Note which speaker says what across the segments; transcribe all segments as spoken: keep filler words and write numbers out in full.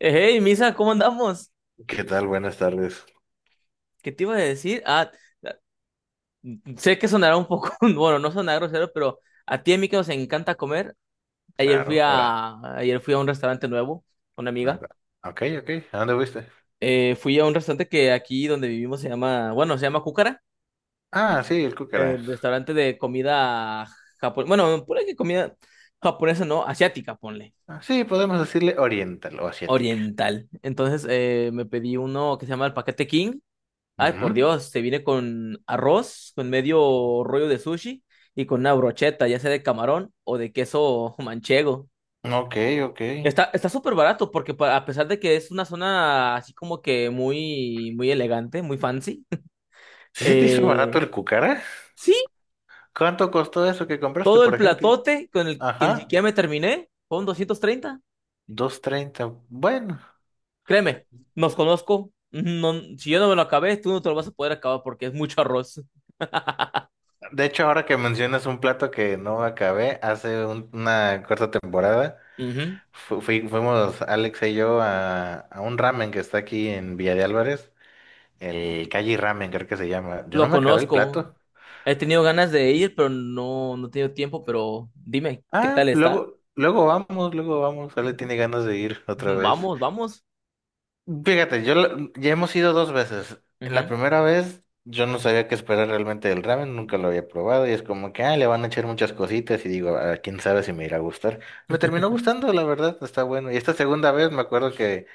Speaker 1: Hey, Misa, ¿cómo andamos?
Speaker 2: ¿Qué tal? Buenas tardes.
Speaker 1: ¿Qué te iba a decir? Ah, ah, sé que sonará un poco, bueno, no sonará grosero, pero a ti y a mí que nos encanta comer. Ayer fui
Speaker 2: Claro, Hora.
Speaker 1: a, ayer fui a un restaurante nuevo, una amiga.
Speaker 2: Ok. Ah, ok, ok. ¿A dónde fuiste?
Speaker 1: Eh, fui a un restaurante que aquí donde vivimos se llama, bueno, se llama Cúcara,
Speaker 2: Ah, sí, el
Speaker 1: eh,
Speaker 2: cúcara.
Speaker 1: restaurante de comida japonesa. Bueno, ponle que comida japonesa, no, asiática, ponle,
Speaker 2: Ah, sí, podemos decirle oriental o asiática.
Speaker 1: oriental. Entonces, eh, me pedí uno que se llama el Paquete King. Ay, por
Speaker 2: Ujú.
Speaker 1: Dios, se viene con arroz, con medio rollo de sushi y con una brocheta, ya sea de camarón o de queso manchego.
Speaker 2: Ok, ok.
Speaker 1: Está, está súper barato porque pa- a pesar de que es una zona así como que muy, muy elegante, muy fancy.
Speaker 2: ¿Sí se te hizo barato
Speaker 1: eh,
Speaker 2: el cúcara?
Speaker 1: sí,
Speaker 2: ¿Cuánto costó eso que compraste,
Speaker 1: todo el
Speaker 2: por ejemplo?
Speaker 1: platote con el que ni
Speaker 2: Ajá,
Speaker 1: siquiera me terminé fueron doscientos treinta.
Speaker 2: dos treinta. Bueno,
Speaker 1: Créeme, nos conozco. No, si yo no me lo acabé, tú no te lo vas a poder acabar porque es mucho arroz.
Speaker 2: de hecho, ahora que mencionas un plato que no acabé, hace un- una corta temporada
Speaker 1: Ujú.
Speaker 2: fu- fui- fuimos Alex y yo a, a un ramen que está aquí en Villa de Álvarez. El Calle Ramen, creo que se llama. Yo no
Speaker 1: Lo
Speaker 2: me acabé el
Speaker 1: conozco.
Speaker 2: plato.
Speaker 1: He tenido ganas de ir, pero no, no he tenido tiempo, pero dime, ¿qué
Speaker 2: Ah,
Speaker 1: tal está?
Speaker 2: luego, luego vamos, luego vamos. Ale tiene ganas de ir otra vez.
Speaker 1: Vamos, vamos.
Speaker 2: Fíjate, yo la- ya hemos ido dos veces. La
Speaker 1: Ujú.
Speaker 2: primera vez yo no sabía qué esperar realmente del ramen, nunca lo había probado y es como que ah, le van a echar muchas cositas y digo, "Ah, quién sabe si me irá a gustar". Me terminó gustando, la verdad, está bueno. Y esta segunda vez me acuerdo que,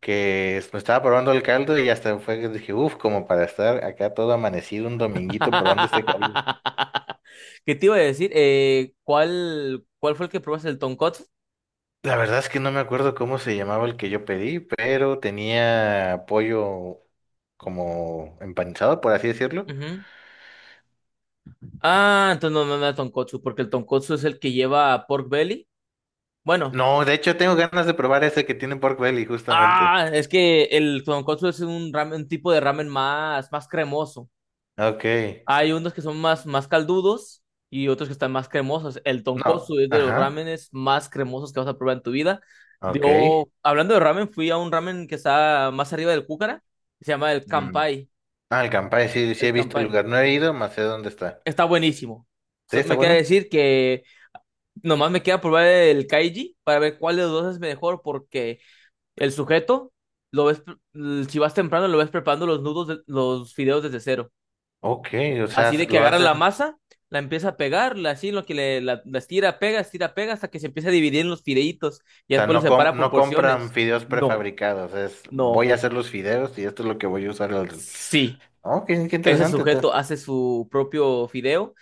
Speaker 2: que es- me estaba probando el caldo y hasta fue que dije, uff, como para estar acá todo amanecido un dominguito probando este caldo.
Speaker 1: ¿Qué te iba a decir? Eh, ¿cuál, cuál fue el que probaste? ¿El tonkotsu?
Speaker 2: La verdad es que no me acuerdo cómo se llamaba el que yo pedí, pero tenía pollo como empanizado, por así decirlo.
Speaker 1: Ujú. Ah, entonces no, no, no es tonkotsu, porque el tonkotsu es el que lleva pork belly. Bueno,
Speaker 2: No, de hecho tengo ganas de probar ese que tiene pork belly, justamente.
Speaker 1: ah, es que el tonkotsu es un ramen, un tipo de ramen más, más cremoso.
Speaker 2: Ok.
Speaker 1: Hay unos que son más, más caldudos y otros que están más cremosos. El
Speaker 2: No,
Speaker 1: tonkotsu es de los
Speaker 2: ajá.
Speaker 1: ramenes más cremosos que vas a probar en tu vida.
Speaker 2: Ok.
Speaker 1: Yo, hablando de ramen, fui a un ramen que está más arriba del Cúcara, se llama el
Speaker 2: Mm.
Speaker 1: Kanpai.
Speaker 2: Ah, el Campari, sí, sí
Speaker 1: El
Speaker 2: he visto el
Speaker 1: Kanpai.
Speaker 2: lugar. No he ido, más sé dónde está.
Speaker 1: Está buenísimo.
Speaker 2: Sí,
Speaker 1: So-
Speaker 2: está
Speaker 1: Me queda
Speaker 2: bueno.
Speaker 1: decir que nomás me queda probar el Kaiji para ver cuál de los dos es mejor, porque el sujeto, lo ves, pre- si vas temprano, lo ves preparando los nudos, de- los fideos desde cero.
Speaker 2: Ok, o sea,
Speaker 1: Así
Speaker 2: s-
Speaker 1: de que
Speaker 2: lo
Speaker 1: agarra
Speaker 2: hacen,
Speaker 1: la
Speaker 2: o
Speaker 1: masa, la empieza a pegar, la- así lo que le la, la estira, pega, estira, pega, hasta que se empieza a dividir en los fileitos y
Speaker 2: sea,
Speaker 1: después los
Speaker 2: no, com-
Speaker 1: separa por
Speaker 2: no compran
Speaker 1: porciones.
Speaker 2: fideos
Speaker 1: No,
Speaker 2: prefabricados, es
Speaker 1: no,
Speaker 2: voy a hacer los fideos y esto es lo que voy a usar. al-
Speaker 1: sí.
Speaker 2: Ok, qué
Speaker 1: Ese
Speaker 2: interesante. ta-
Speaker 1: sujeto hace su propio fideo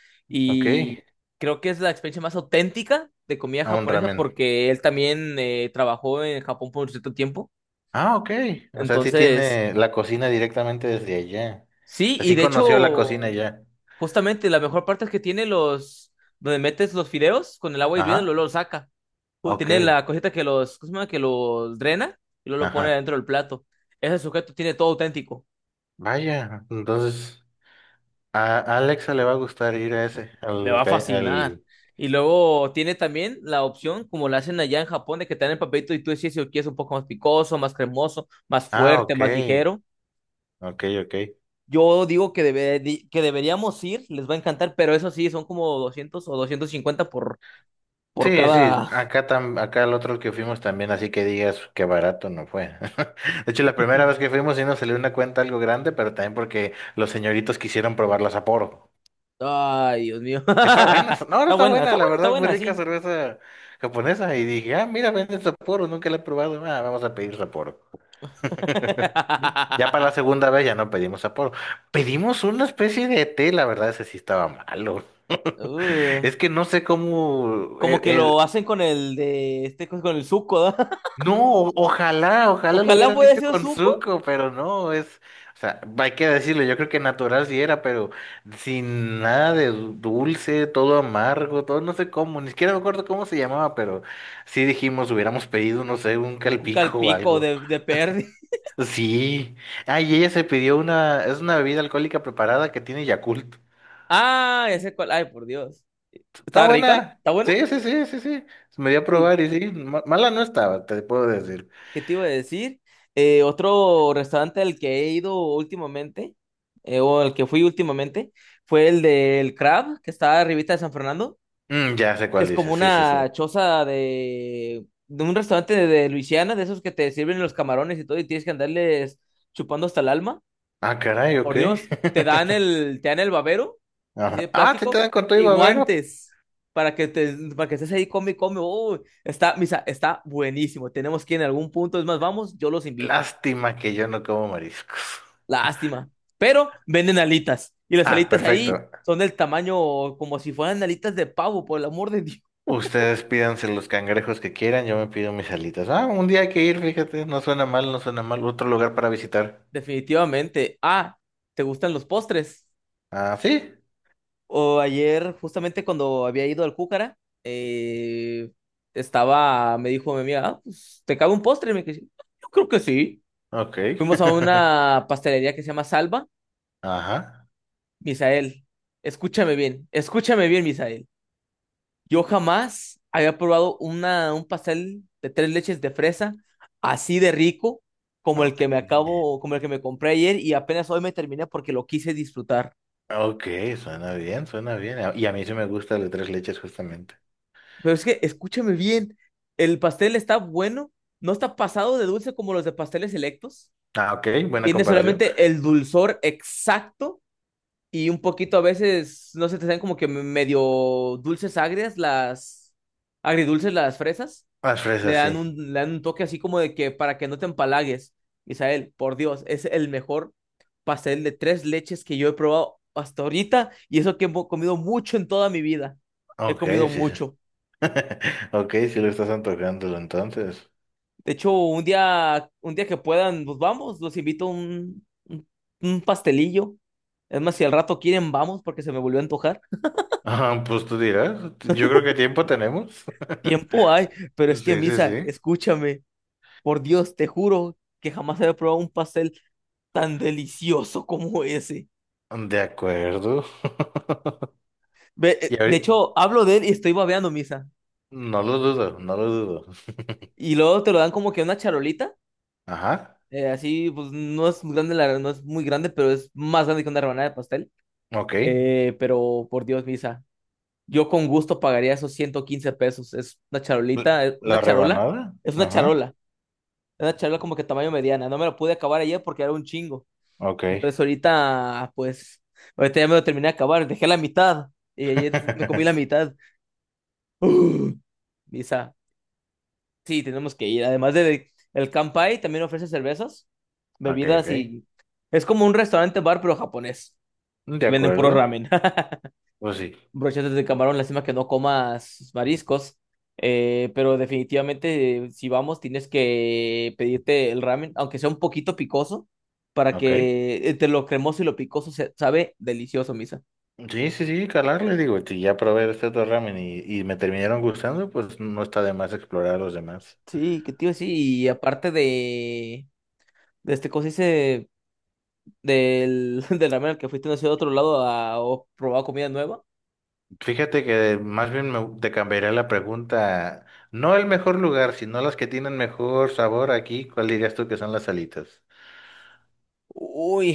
Speaker 2: Ok.
Speaker 1: y creo que es la experiencia más auténtica de comida
Speaker 2: A un
Speaker 1: japonesa
Speaker 2: ramen.
Speaker 1: porque él también eh, trabajó en Japón por un cierto tiempo.
Speaker 2: Ah, ok. O sea, sí
Speaker 1: Entonces,
Speaker 2: tiene la cocina directamente desde allá. O
Speaker 1: sí,
Speaker 2: sea,
Speaker 1: y
Speaker 2: sí
Speaker 1: de hecho
Speaker 2: conoció la cocina allá.
Speaker 1: justamente, la mejor parte es que tiene los, donde metes los fideos con el agua hirviendo y
Speaker 2: Ajá.
Speaker 1: luego lo saca. Ju-
Speaker 2: Ok.
Speaker 1: Tiene la cosita que los, ¿cómo se llama? Que los drena y luego lo pone
Speaker 2: Ajá.
Speaker 1: dentro del plato. Ese sujeto tiene todo auténtico.
Speaker 2: Vaya. Entonces, a a Alexa le va a gustar ir a ese,
Speaker 1: Le
Speaker 2: al,
Speaker 1: va a
Speaker 2: ca-
Speaker 1: fascinar.
Speaker 2: al...
Speaker 1: Y luego tiene también la opción, como la hacen allá en Japón, de que te dan el papelito y tú decides si lo quieres un poco más picoso, más cremoso, más
Speaker 2: Ah,
Speaker 1: fuerte,
Speaker 2: ok.
Speaker 1: más ligero.
Speaker 2: Ok, ok.
Speaker 1: Yo digo que, debe- di- que deberíamos ir, les va a encantar, pero eso sí, son como doscientos o doscientos cincuenta por, por,
Speaker 2: Sí, sí.
Speaker 1: cada.
Speaker 2: Acá tam, acá el otro que fuimos también, así que digas que barato no fue. De hecho, la primera vez que fuimos sí nos salió una cuenta algo grande, pero también porque los señoritos quisieron probar la Sapporo.
Speaker 1: Ay, Dios mío.
Speaker 2: Está buena, no, no
Speaker 1: Está
Speaker 2: está
Speaker 1: buena,
Speaker 2: buena,
Speaker 1: está
Speaker 2: la
Speaker 1: buena, está
Speaker 2: verdad, muy
Speaker 1: buena,
Speaker 2: rica
Speaker 1: sí.
Speaker 2: cerveza japonesa. Y dije, ah, mira, venden Sapporo, nunca la he probado. Ah, vamos a pedir Sapporo. Ya para la segunda vez ya no pedimos Sapporo. Pedimos una especie de té, la verdad, ese sí estaba malo.
Speaker 1: Uh,
Speaker 2: Es que no sé cómo
Speaker 1: como
Speaker 2: eh,
Speaker 1: que lo
Speaker 2: eh,
Speaker 1: hacen con el de este con el suco, ¿no?
Speaker 2: no, o- ojalá, ojalá lo
Speaker 1: Ojalá
Speaker 2: hubieran
Speaker 1: fuera
Speaker 2: hecho
Speaker 1: sido
Speaker 2: con
Speaker 1: suco,
Speaker 2: Zuko, pero no, es, o sea, hay que decirlo, yo creo que natural sí era, pero sin nada de du- dulce, todo amargo, todo no sé cómo, ni siquiera me acuerdo cómo se llamaba, pero sí dijimos, hubiéramos pedido, no sé, un
Speaker 1: un
Speaker 2: calpico o
Speaker 1: calpico
Speaker 2: algo.
Speaker 1: de, de perdi.
Speaker 2: Sí, ay, ella se pidió una, es una bebida alcohólica preparada que tiene Yakult.
Speaker 1: Ah, ese cual. Ay, por Dios.
Speaker 2: Está
Speaker 1: ¿Está rica?
Speaker 2: buena,
Speaker 1: ¿Está buena?
Speaker 2: sí, sí, sí, sí, sí, me dio a
Speaker 1: Uy,
Speaker 2: probar y sí, ma- mala no estaba, te puedo decir.
Speaker 1: ¿qué te iba a decir? Eh, otro restaurante al que he ido últimamente, eh, o al que fui últimamente, fue el del Crab, que está arribita de San Fernando.
Speaker 2: Mm, ya sé cuál
Speaker 1: Es como
Speaker 2: dices, sí, sí, sí.
Speaker 1: una choza de, de un restaurante de, de Luisiana, de esos que te sirven los camarones y todo, y tienes que andarles chupando hasta el alma.
Speaker 2: Ah, caray, ok.
Speaker 1: Por Dios, te dan el, te dan el babero, así de
Speaker 2: Ajá. Ah, te
Speaker 1: plástico,
Speaker 2: quedan con todo y
Speaker 1: y
Speaker 2: babero.
Speaker 1: guantes para que te, para que estés ahí, come, y come. Uy, está, Misa, está buenísimo. Tenemos que ir en algún punto, es más, vamos, yo los invito.
Speaker 2: Lástima que yo no como mariscos.
Speaker 1: Lástima. Pero venden alitas, y las
Speaker 2: Ah,
Speaker 1: alitas
Speaker 2: perfecto.
Speaker 1: ahí son del tamaño como si fueran alitas de pavo, por el amor de Dios.
Speaker 2: Ustedes pídanse los cangrejos que quieran, yo me pido mis alitas. Ah, un día hay que ir, fíjate, no suena mal, no suena mal. Otro lugar para visitar.
Speaker 1: Definitivamente. Ah, ¿te gustan los postres?
Speaker 2: Ah, sí.
Speaker 1: O ayer, justamente cuando había ido al Cúcara, eh, estaba, me dijo mi amiga, "Ah, pues, ¿te cabe un postre?" Y me dije, yo creo que sí.
Speaker 2: Ok.
Speaker 1: Fuimos a una pastelería que se llama Salva.
Speaker 2: Ajá.
Speaker 1: Misael, escúchame bien, escúchame bien, Misael. Yo jamás había probado una, un pastel de tres leches de fresa así de rico como el
Speaker 2: Ok.
Speaker 1: que me acabo, como el que me compré ayer y apenas hoy me terminé porque lo quise disfrutar.
Speaker 2: Ok, suena bien, suena bien. Ah, y a mí sí me gusta el de tres leches, justamente.
Speaker 1: Pero es que, escúchame bien, el pastel está bueno, no está pasado de dulce como los de pasteles selectos.
Speaker 2: Ah, ok, buena
Speaker 1: Tiene
Speaker 2: comparación.
Speaker 1: solamente el dulzor exacto y un poquito a veces, no sé, te saben como que me- medio dulces agrias, las agridulces, las fresas.
Speaker 2: Las
Speaker 1: Le
Speaker 2: fresas,
Speaker 1: dan
Speaker 2: sí.
Speaker 1: un, le dan un toque así como de que para que no te empalagues. Isael, por Dios, es el mejor pastel de tres leches que yo he probado hasta ahorita y eso que he mo- comido mucho en toda mi vida. He
Speaker 2: Ok,
Speaker 1: comido
Speaker 2: sí, sí.
Speaker 1: mucho.
Speaker 2: Ok, si lo estás antojándolo entonces.
Speaker 1: De hecho, un día, un día que puedan, nos vamos, los invito a un, un, un pastelillo. Es más, si al rato quieren, vamos, porque se me volvió a antojar.
Speaker 2: Ah, pues tú dirás, yo creo que tiempo tenemos.
Speaker 1: Tiempo hay, pero es que,
Speaker 2: Sí, sí,
Speaker 1: Misa,
Speaker 2: sí.
Speaker 1: escúchame, por Dios, te juro que jamás había probado un pastel tan delicioso como ese.
Speaker 2: De acuerdo.
Speaker 1: Ve- eh,
Speaker 2: Y
Speaker 1: De
Speaker 2: ahorita,
Speaker 1: hecho, hablo de él y estoy babeando, Misa.
Speaker 2: no lo dudo, no lo dudo.
Speaker 1: Y luego te lo dan como que una charolita,
Speaker 2: Ajá,
Speaker 1: eh, así, pues no es muy grande, la, no es muy grande, pero es más grande que una rebanada de pastel.
Speaker 2: ok.
Speaker 1: Eh, pero por Dios, Misa, yo con gusto pagaría esos ciento quince pesos. Es una
Speaker 2: L-
Speaker 1: charolita, es
Speaker 2: La
Speaker 1: una charola,
Speaker 2: rebanada,
Speaker 1: es una
Speaker 2: ajá,
Speaker 1: charola, es una charola como que tamaño mediana. No me lo pude acabar ayer porque era un chingo.
Speaker 2: ok.
Speaker 1: Entonces ahorita, pues, ahorita ya me lo terminé de acabar, dejé la mitad y ayer me comí la mitad. Uh, Misa, sí, tenemos que ir. Además de el Kanpai, también ofrece cervezas,
Speaker 2: Ok,
Speaker 1: bebidas
Speaker 2: ok.
Speaker 1: y es como un restaurante bar pero japonés
Speaker 2: De
Speaker 1: y venden puro
Speaker 2: acuerdo,
Speaker 1: ramen.
Speaker 2: pues sí,
Speaker 1: Brochetas de camarón, lástima que no comas mariscos, eh, pero definitivamente eh, si vamos tienes que pedirte el ramen, aunque sea un poquito picoso, para
Speaker 2: ok.
Speaker 1: que entre lo cremoso y lo picoso se sabe delicioso, Misa.
Speaker 2: Sí, sí, sí, calarle, digo, si ya probé este otro ramen y, y me terminaron gustando, pues no está de más explorar los demás.
Speaker 1: Sí, que tío, sí, y aparte de, de este cosa hice del, del ramen al que fuiste no sé, de otro lado a, o probar comida nueva.
Speaker 2: Fíjate que más bien me- te cambiaría la pregunta. No el mejor lugar, sino las que tienen mejor sabor aquí. ¿Cuál dirías tú que son las alitas?
Speaker 1: Uy,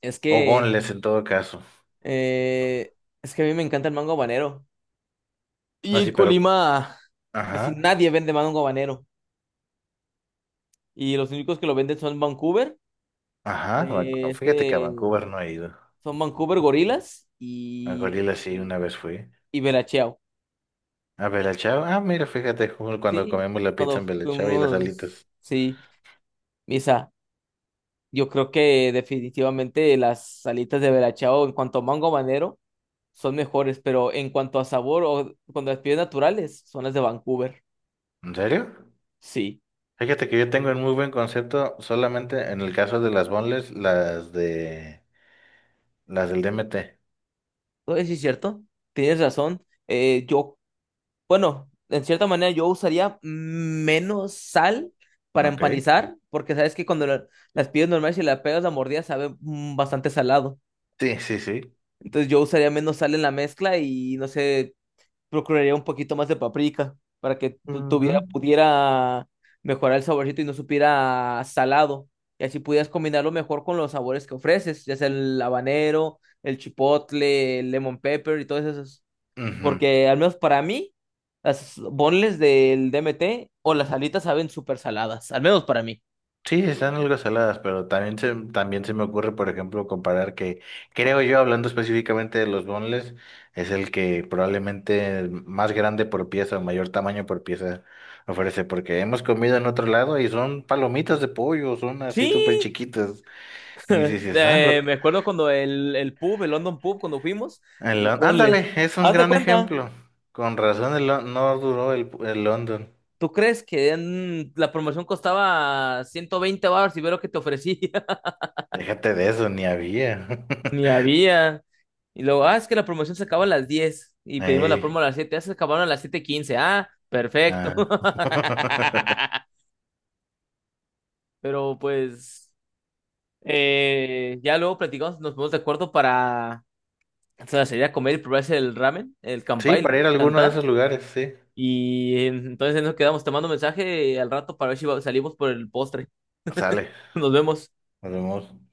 Speaker 1: es
Speaker 2: O
Speaker 1: que
Speaker 2: boneless en todo caso.
Speaker 1: eh, es que a mí me encanta el mango habanero. Y
Speaker 2: No,
Speaker 1: en
Speaker 2: sí, pero...
Speaker 1: Colima casi
Speaker 2: Ajá,
Speaker 1: nadie vende mango habanero. Y los únicos que lo venden son Vancouver,
Speaker 2: ajá. Van-
Speaker 1: eh,
Speaker 2: Fíjate que a
Speaker 1: este,
Speaker 2: Vancouver no he ido.
Speaker 1: son Vancouver Gorilas
Speaker 2: A
Speaker 1: y
Speaker 2: Gorila sí,
Speaker 1: este
Speaker 2: una vez fui.
Speaker 1: y Bella Ciao.
Speaker 2: A Bella Chao. Ah, mira, fíjate, ju- cuando
Speaker 1: Sí,
Speaker 2: comemos la pizza en
Speaker 1: cuando
Speaker 2: Bella Chao y las
Speaker 1: fuimos,
Speaker 2: alitas.
Speaker 1: sí, Misa, yo creo que definitivamente las salitas de Bella Ciao en cuanto a mango habanero son mejores, pero en cuanto a sabor o cuando las pides naturales son las de Vancouver.
Speaker 2: ¿En serio?
Speaker 1: Sí,
Speaker 2: Fíjate que yo tengo un muy buen concepto solamente en el caso de las boneless, las de... las del D M T.
Speaker 1: eso sí es cierto, tienes razón. Eh, yo Bueno, en cierta manera yo usaría menos sal para
Speaker 2: Ok.
Speaker 1: empanizar, porque sabes que cuando la- las pides normales y la pegas la mordida, sabe mm, bastante salado.
Speaker 2: Sí, sí, sí.
Speaker 1: Entonces yo usaría menos sal en la mezcla y no sé, procuraría un poquito más de paprika para que tu-
Speaker 2: Ujú.
Speaker 1: tuviera, pudiera mejorar el saborcito y no supiera a salado. Y así pudieras combinarlo mejor con los sabores que ofreces, ya sea el habanero, el chipotle, el lemon pepper y todos esos.
Speaker 2: Ujú.
Speaker 1: Porque al menos para mí, las bonles del D M T o las alitas saben súper saladas, al menos para mí.
Speaker 2: Sí, están algo saladas, pero también se, también se me ocurre, por ejemplo, comparar que, creo yo, hablando específicamente de los boneless, es el que probablemente más grande por pieza o mayor tamaño por pieza ofrece, porque hemos comido en otro lado y son palomitas de pollo, son así
Speaker 1: Sí,
Speaker 2: súper chiquitas. Y dices, ah, lo,
Speaker 1: de- me acuerdo cuando el, el pub, el London Pub, cuando fuimos,
Speaker 2: el
Speaker 1: los
Speaker 2: Lon-
Speaker 1: bonles.
Speaker 2: ándale, es un
Speaker 1: Haz de
Speaker 2: gran
Speaker 1: cuenta,
Speaker 2: ejemplo. Con razón el Lon- no duró el, el London.
Speaker 1: ¿tú crees que en- la promoción costaba ciento veinte baros y ve lo que te ofrecía?
Speaker 2: Déjate de eso, ni había.
Speaker 1: Ni había. Y luego, ah, es que la promoción se acaba a las diez y pedimos la promo
Speaker 2: Ey.
Speaker 1: a las siete. Ya se acabaron a las siete quince. Ah, perfecto.
Speaker 2: Ah.
Speaker 1: Pero pues. Eh, ya luego platicamos, nos ponemos de acuerdo para, o sea, sería comer y probarse el ramen, el
Speaker 2: Sí,
Speaker 1: campai, el
Speaker 2: para ir a alguno de
Speaker 1: cantar.
Speaker 2: esos lugares, sí.
Speaker 1: Y eh, entonces nos quedamos. Te mando mensaje al rato para ver si va- salimos por el postre.
Speaker 2: Sale,
Speaker 1: Nos vemos.
Speaker 2: nos vemos.